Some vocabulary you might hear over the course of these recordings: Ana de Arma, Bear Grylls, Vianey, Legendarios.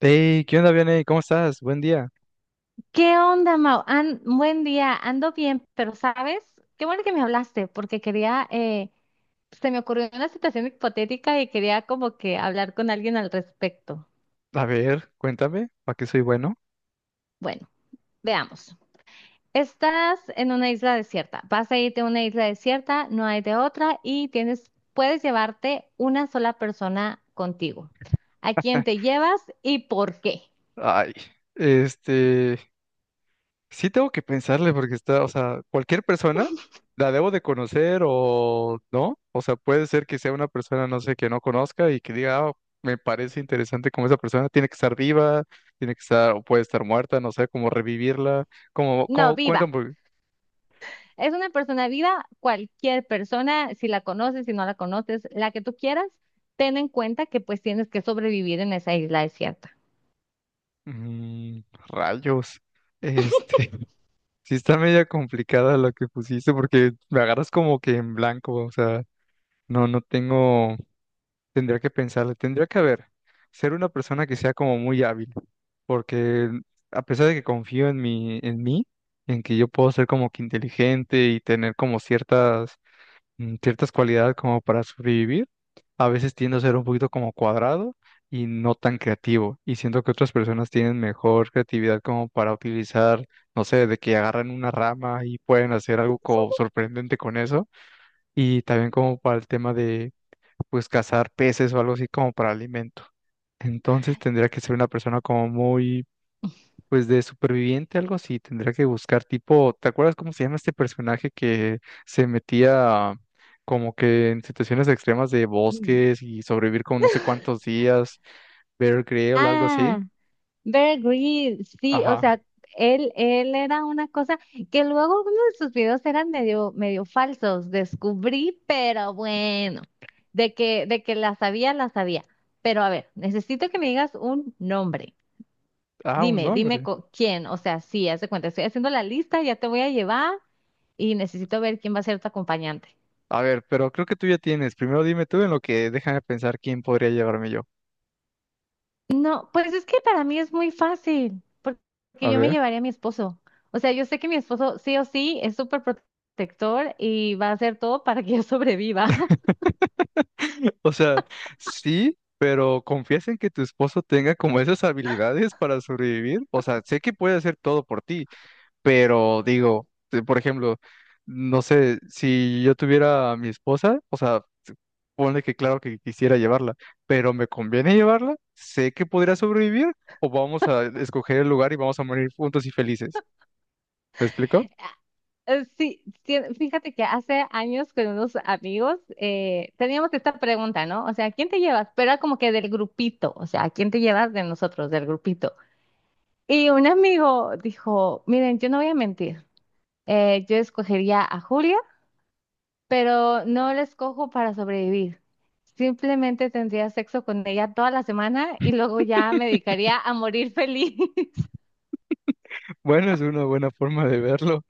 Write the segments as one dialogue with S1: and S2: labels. S1: Hey, ¿qué onda, Vianey? ¿Cómo estás? Buen día.
S2: ¿Qué onda, Mau? Buen día, ando bien, pero ¿sabes? Qué bueno que me hablaste, porque se me ocurrió una situación hipotética y quería como que hablar con alguien al respecto.
S1: A ver, cuéntame, ¿para qué soy bueno?
S2: Bueno, veamos. Estás en una isla desierta, vas a irte a una isla desierta, no hay de otra y puedes llevarte una sola persona contigo. ¿A quién
S1: Ah,
S2: te llevas y por qué?
S1: ay, este, sí tengo que pensarle porque está, o sea, cualquier persona la debo de conocer o no, o sea, puede ser que sea una persona, no sé, que no conozca y que diga, "Ah, me parece interesante como esa persona, tiene que estar viva, tiene que estar, o puede estar muerta, no sé, cómo revivirla, como,
S2: No,
S1: como,
S2: viva.
S1: cuéntame.
S2: Es una persona viva, cualquier persona, si la conoces, si no la conoces, la que tú quieras, ten en cuenta que pues tienes que sobrevivir en esa isla desierta.
S1: mm, Rayos. este. Sí está media complicada lo que pusiste porque me agarras como que en blanco, o sea, no, no tengo, tendría que pensarle, tendría que haber, ser una persona que sea como muy hábil, porque a pesar de que confío en mi, en mí, en que yo puedo ser como que inteligente y tener como ciertas cualidades como para sobrevivir, a veces tiendo a ser un poquito como cuadrado y no tan creativo. Y siento que otras personas tienen mejor creatividad como para utilizar, no sé, de que agarran una rama y pueden hacer algo sorprendente con eso. Y también como para el tema de, pues, cazar peces o algo así como para alimento. Entonces tendría que ser una persona como muy pues de superviviente, algo así, tendría que buscar tipo, ¿te acuerdas cómo se llama este personaje que se metía como que en situaciones extremas de
S2: Mm.
S1: bosques y sobrevivir con no sé cuántos días? Bear Grylls, algo así.
S2: Ah, Bear Grylls, sí, o
S1: Ajá.
S2: sea, él era una cosa que luego uno de sus videos eran medio falsos, descubrí, pero bueno, de que la sabía, la sabía. Pero a ver, necesito que me digas un nombre.
S1: Ah, un
S2: Dime,
S1: nombre.
S2: quién, o sea, sí, haz de cuenta, estoy haciendo la lista, ya te voy a llevar y necesito ver quién va a ser tu acompañante.
S1: A ver, pero creo que tú ya tienes. Primero dime tú en lo que déjame pensar quién podría llevarme yo.
S2: No, pues es que para mí es muy fácil,
S1: A
S2: porque yo me
S1: ver.
S2: llevaría a mi esposo. O sea, yo sé que mi esposo sí o sí es súper protector y va a hacer todo para que yo sobreviva.
S1: O sea, sí, pero ¿confías en que tu esposo tenga como esas habilidades para sobrevivir? O sea, sé que puede hacer todo por ti, pero digo, por ejemplo, no sé, si yo tuviera a mi esposa, o sea, ponle que claro que quisiera llevarla, pero ¿me conviene llevarla? ¿Sé que podría sobrevivir? ¿O vamos a escoger el lugar y vamos a morir juntos y felices? ¿Me explico?
S2: Sí, sí, fíjate que hace años con unos amigos teníamos esta pregunta, ¿no? O sea, ¿quién te llevas? Pero era como que del grupito, o sea, ¿quién te llevas de nosotros, del grupito? Y un amigo dijo, miren, yo no voy a mentir, yo escogería a Julia, pero no la escojo para sobrevivir. Simplemente tendría sexo con ella toda la semana y luego ya me dedicaría a morir feliz.
S1: Bueno, es una buena forma de verlo.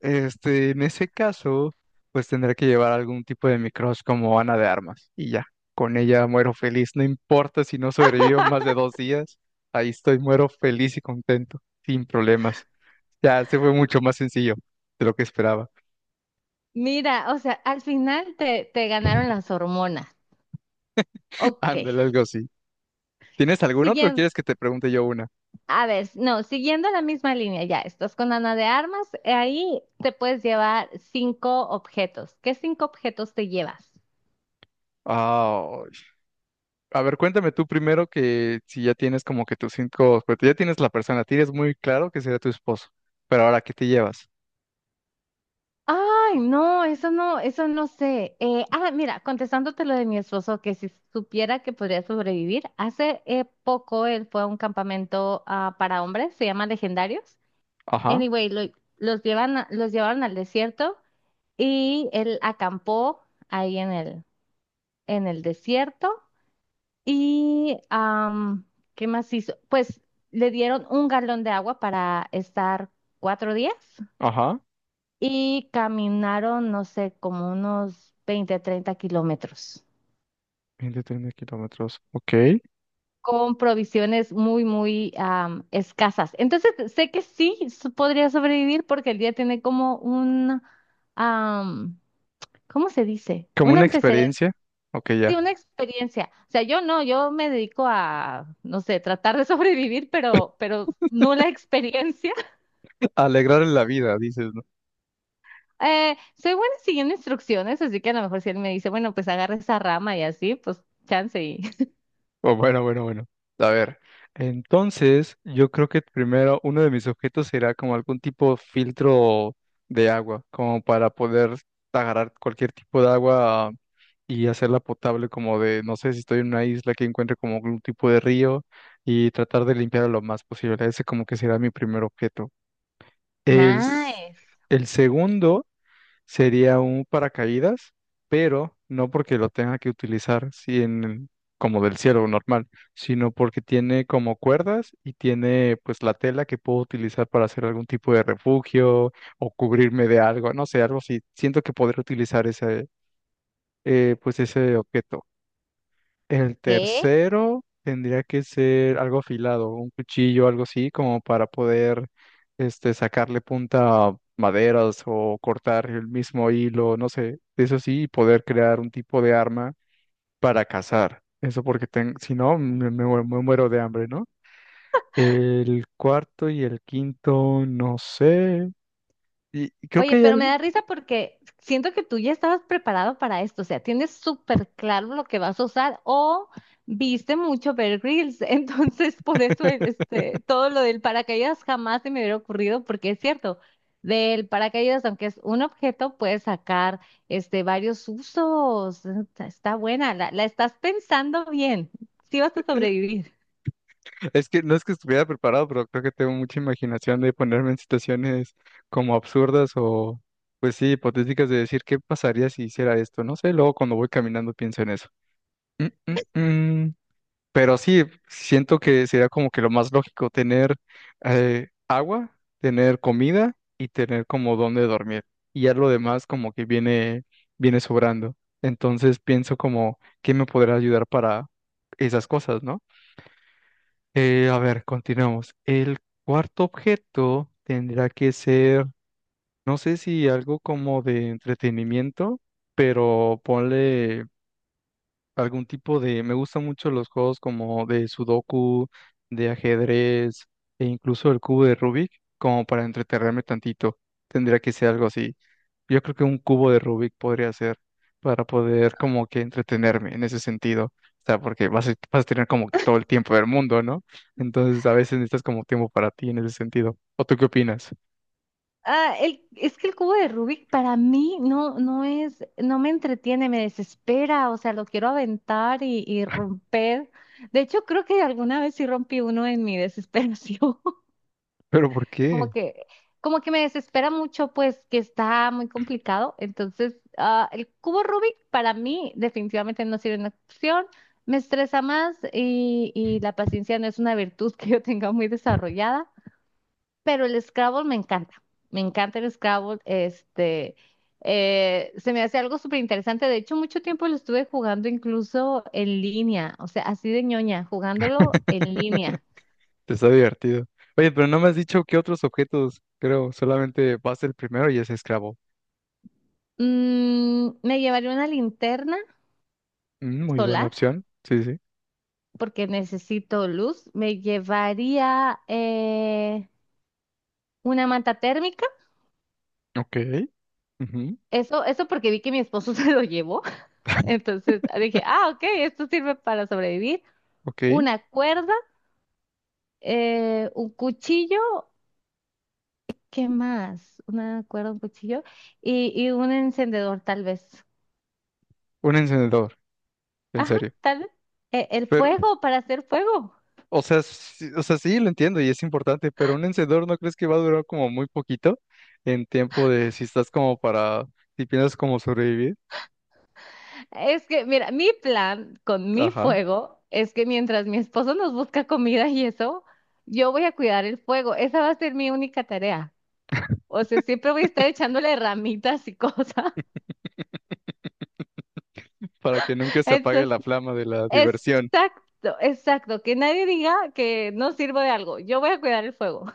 S1: En ese caso, pues tendré que llevar algún tipo de micros como Ana de Armas y ya, con ella muero feliz, no importa si no sobrevivo más de 2 días, ahí estoy, muero feliz y contento, sin problemas. Ya, se fue mucho más sencillo de lo que esperaba.
S2: Mira, o sea, al final te ganaron las hormonas. Ok.
S1: Ándale, algo así. ¿Tienes algún otro? ¿O
S2: Siguiendo,
S1: quieres que te pregunte yo una?
S2: a ver, no, siguiendo la misma línea, ya, estás con Ana de Armas, ahí te puedes llevar cinco objetos. ¿Qué cinco objetos te llevas?
S1: Ah, a ver, cuéntame tú primero que si ya tienes como que tus cinco, pues ya tienes la persona, tienes muy claro que será tu esposo, pero ahora, ¿qué te llevas?
S2: Ay, no, eso no, eso no sé. Mira, contestándote lo de mi esposo, que si supiera que podría sobrevivir, hace poco él fue a un campamento para hombres, se llama Legendarios.
S1: Ajá,
S2: Anyway, los llevaron al desierto y él acampó ahí en el desierto. Y, ¿qué más hizo? Pues le dieron un galón de agua para estar 4 días
S1: ajá.
S2: y caminaron, no sé, como unos 20 30 kilómetros
S1: 130 kilómetros. Ok.
S2: con provisiones muy, muy escasas. Entonces, sé que sí podría sobrevivir porque el día tiene como un, am, ¿cómo se dice?
S1: Como
S2: Un
S1: una
S2: antecedente,
S1: experiencia. Ok,
S2: sí,
S1: ya.
S2: una experiencia. O sea, yo me dedico a, no sé, tratar de sobrevivir, pero no la experiencia.
S1: Alegrar la vida, dices, ¿no?
S2: Soy buena siguiendo instrucciones, así que a lo mejor si él me dice, bueno, pues agarra esa rama y así, pues chance y
S1: Oh, bueno, bueno, bueno. A ver. Entonces, yo creo que primero uno de mis objetos será como algún tipo de filtro de agua, como para poder agarrar cualquier tipo de agua y hacerla potable, como de, no sé, si estoy en una isla que encuentre como algún tipo de río y tratar de limpiarlo lo más posible. Ese como que será mi primer objeto. El, s-
S2: nice.
S1: el segundo sería un paracaídas, pero no porque lo tenga que utilizar si en- como del cielo normal, sino porque tiene como cuerdas y tiene pues la tela que puedo utilizar para hacer algún tipo de refugio o cubrirme de algo, no sé, algo así. Siento que podré utilizar ese pues ese objeto. El
S2: ¿Qué?
S1: tercero tendría que ser algo afilado, un cuchillo, algo así, como para poder sacarle punta a maderas o cortar el mismo hilo, no sé, eso sí, y poder crear un tipo de arma para cazar. Eso porque si no, me muero de hambre, ¿no? El cuarto y el quinto, no sé. Y creo que
S2: Oye,
S1: hay
S2: pero me
S1: algo.
S2: da risa porque siento que tú ya estabas preparado para esto, o sea, tienes súper claro lo que vas a usar o viste mucho Bear Grylls, entonces por eso todo lo del paracaídas jamás se me hubiera ocurrido porque es cierto, del paracaídas, aunque es un objeto, puedes sacar varios usos, está buena, la estás pensando bien, sí vas a sobrevivir.
S1: Es que no es que estuviera preparado, pero creo que tengo mucha imaginación de ponerme en situaciones como absurdas o, pues sí, hipotéticas de decir qué pasaría si hiciera esto. No sé, luego cuando voy caminando pienso en eso. Mm, mm, mm. Pero sí, siento que sería como que lo más lógico tener agua, tener comida y tener como dónde dormir. Y ya lo demás como que viene, viene sobrando. Entonces pienso como, ¿qué me podrá ayudar para esas cosas?, ¿no? A ver, continuamos. El cuarto objeto tendrá que ser, no sé si algo como de entretenimiento, pero ponle algún tipo de. Me gustan mucho los juegos como de Sudoku, de ajedrez e incluso el cubo de Rubik, como para entretenerme tantito. Tendría que ser algo así. Yo creo que un cubo de Rubik podría ser para poder como que entretenerme en ese sentido. O sea, porque vas a tener como que todo el tiempo del mundo, ¿no? Entonces a veces necesitas como tiempo para ti en ese sentido. ¿O tú qué opinas?
S2: Ah, es que el cubo de Rubik para mí no, no me entretiene, me desespera, o sea, lo quiero aventar y romper. De hecho, creo que alguna vez sí rompí uno en mi desesperación.
S1: ¿Pero por
S2: Como
S1: qué?
S2: que, como que me desespera mucho, pues, que está muy complicado. Entonces, el cubo Rubik para mí definitivamente no sirve una opción. Me estresa más y la paciencia no es una virtud que yo tenga muy desarrollada pero el Scrabble me encanta. Me encanta el Scrabble. Se me hace algo súper interesante. De hecho, mucho tiempo lo estuve jugando incluso en línea, o sea, así de ñoña, jugándolo en línea.
S1: Está divertido. Oye, pero no me has dicho qué otros objetos, creo, solamente vas el primero y es esclavo.
S2: Me llevaría una linterna
S1: Mm, muy buena
S2: solar
S1: opción. Sí, sí.
S2: porque necesito luz. Me llevaría una manta térmica.
S1: Ok. Ujú.
S2: Eso porque vi que mi esposo se lo llevó. Entonces dije, ah, ok, esto sirve para sobrevivir.
S1: Ok.
S2: Una cuerda un cuchillo, ¿qué más? Una cuerda, un cuchillo y un encendedor, tal vez.
S1: Un encendedor, en
S2: Ajá,
S1: serio.
S2: tal vez. El
S1: Pero,
S2: fuego para hacer fuego.
S1: o sea, sí, lo entiendo y es importante, pero un encendedor ¿no crees que va a durar como muy poquito en tiempo de si estás como para, si piensas como sobrevivir?
S2: Es que, mira, mi plan con mi
S1: Ajá.
S2: fuego es que mientras mi esposo nos busca comida y eso, yo voy a cuidar el fuego. Esa va a ser mi única tarea. O sea, siempre voy a estar echándole ramitas y cosas.
S1: Para que nunca se apague
S2: Entonces,
S1: la flama de la diversión.
S2: exacto, exacto. Que nadie diga que no sirvo de algo. Yo voy a cuidar el fuego.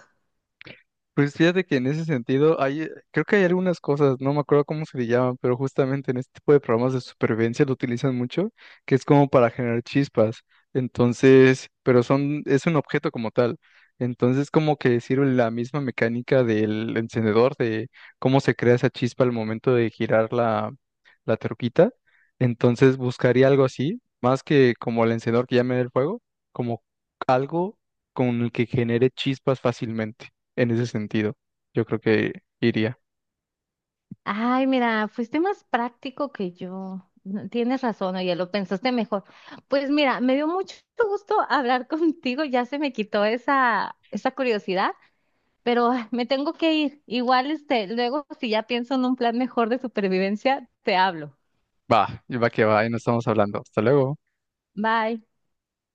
S1: Pues fíjate que en ese sentido hay, creo que hay algunas cosas, no me acuerdo cómo se le llaman, pero justamente en este tipo de programas de supervivencia lo utilizan mucho, que es como para generar chispas. Entonces, pero son, es un objeto como tal. Entonces, como que sirve la misma mecánica del encendedor, de cómo se crea esa chispa al momento de girar la troquita. Entonces, buscaría algo así, más que como el encendedor que llame el fuego, como algo con el que genere chispas fácilmente en ese sentido. Yo creo que iría.
S2: Ay, mira, fuiste más práctico que yo. No, tienes razón, oye, lo pensaste mejor. Pues mira, me dio mucho gusto hablar contigo, ya se me quitó esa curiosidad, pero me tengo que ir. Igual, luego si ya pienso en un plan mejor de supervivencia, te hablo.
S1: Va, va que va, y no estamos hablando. Hasta luego.
S2: Bye.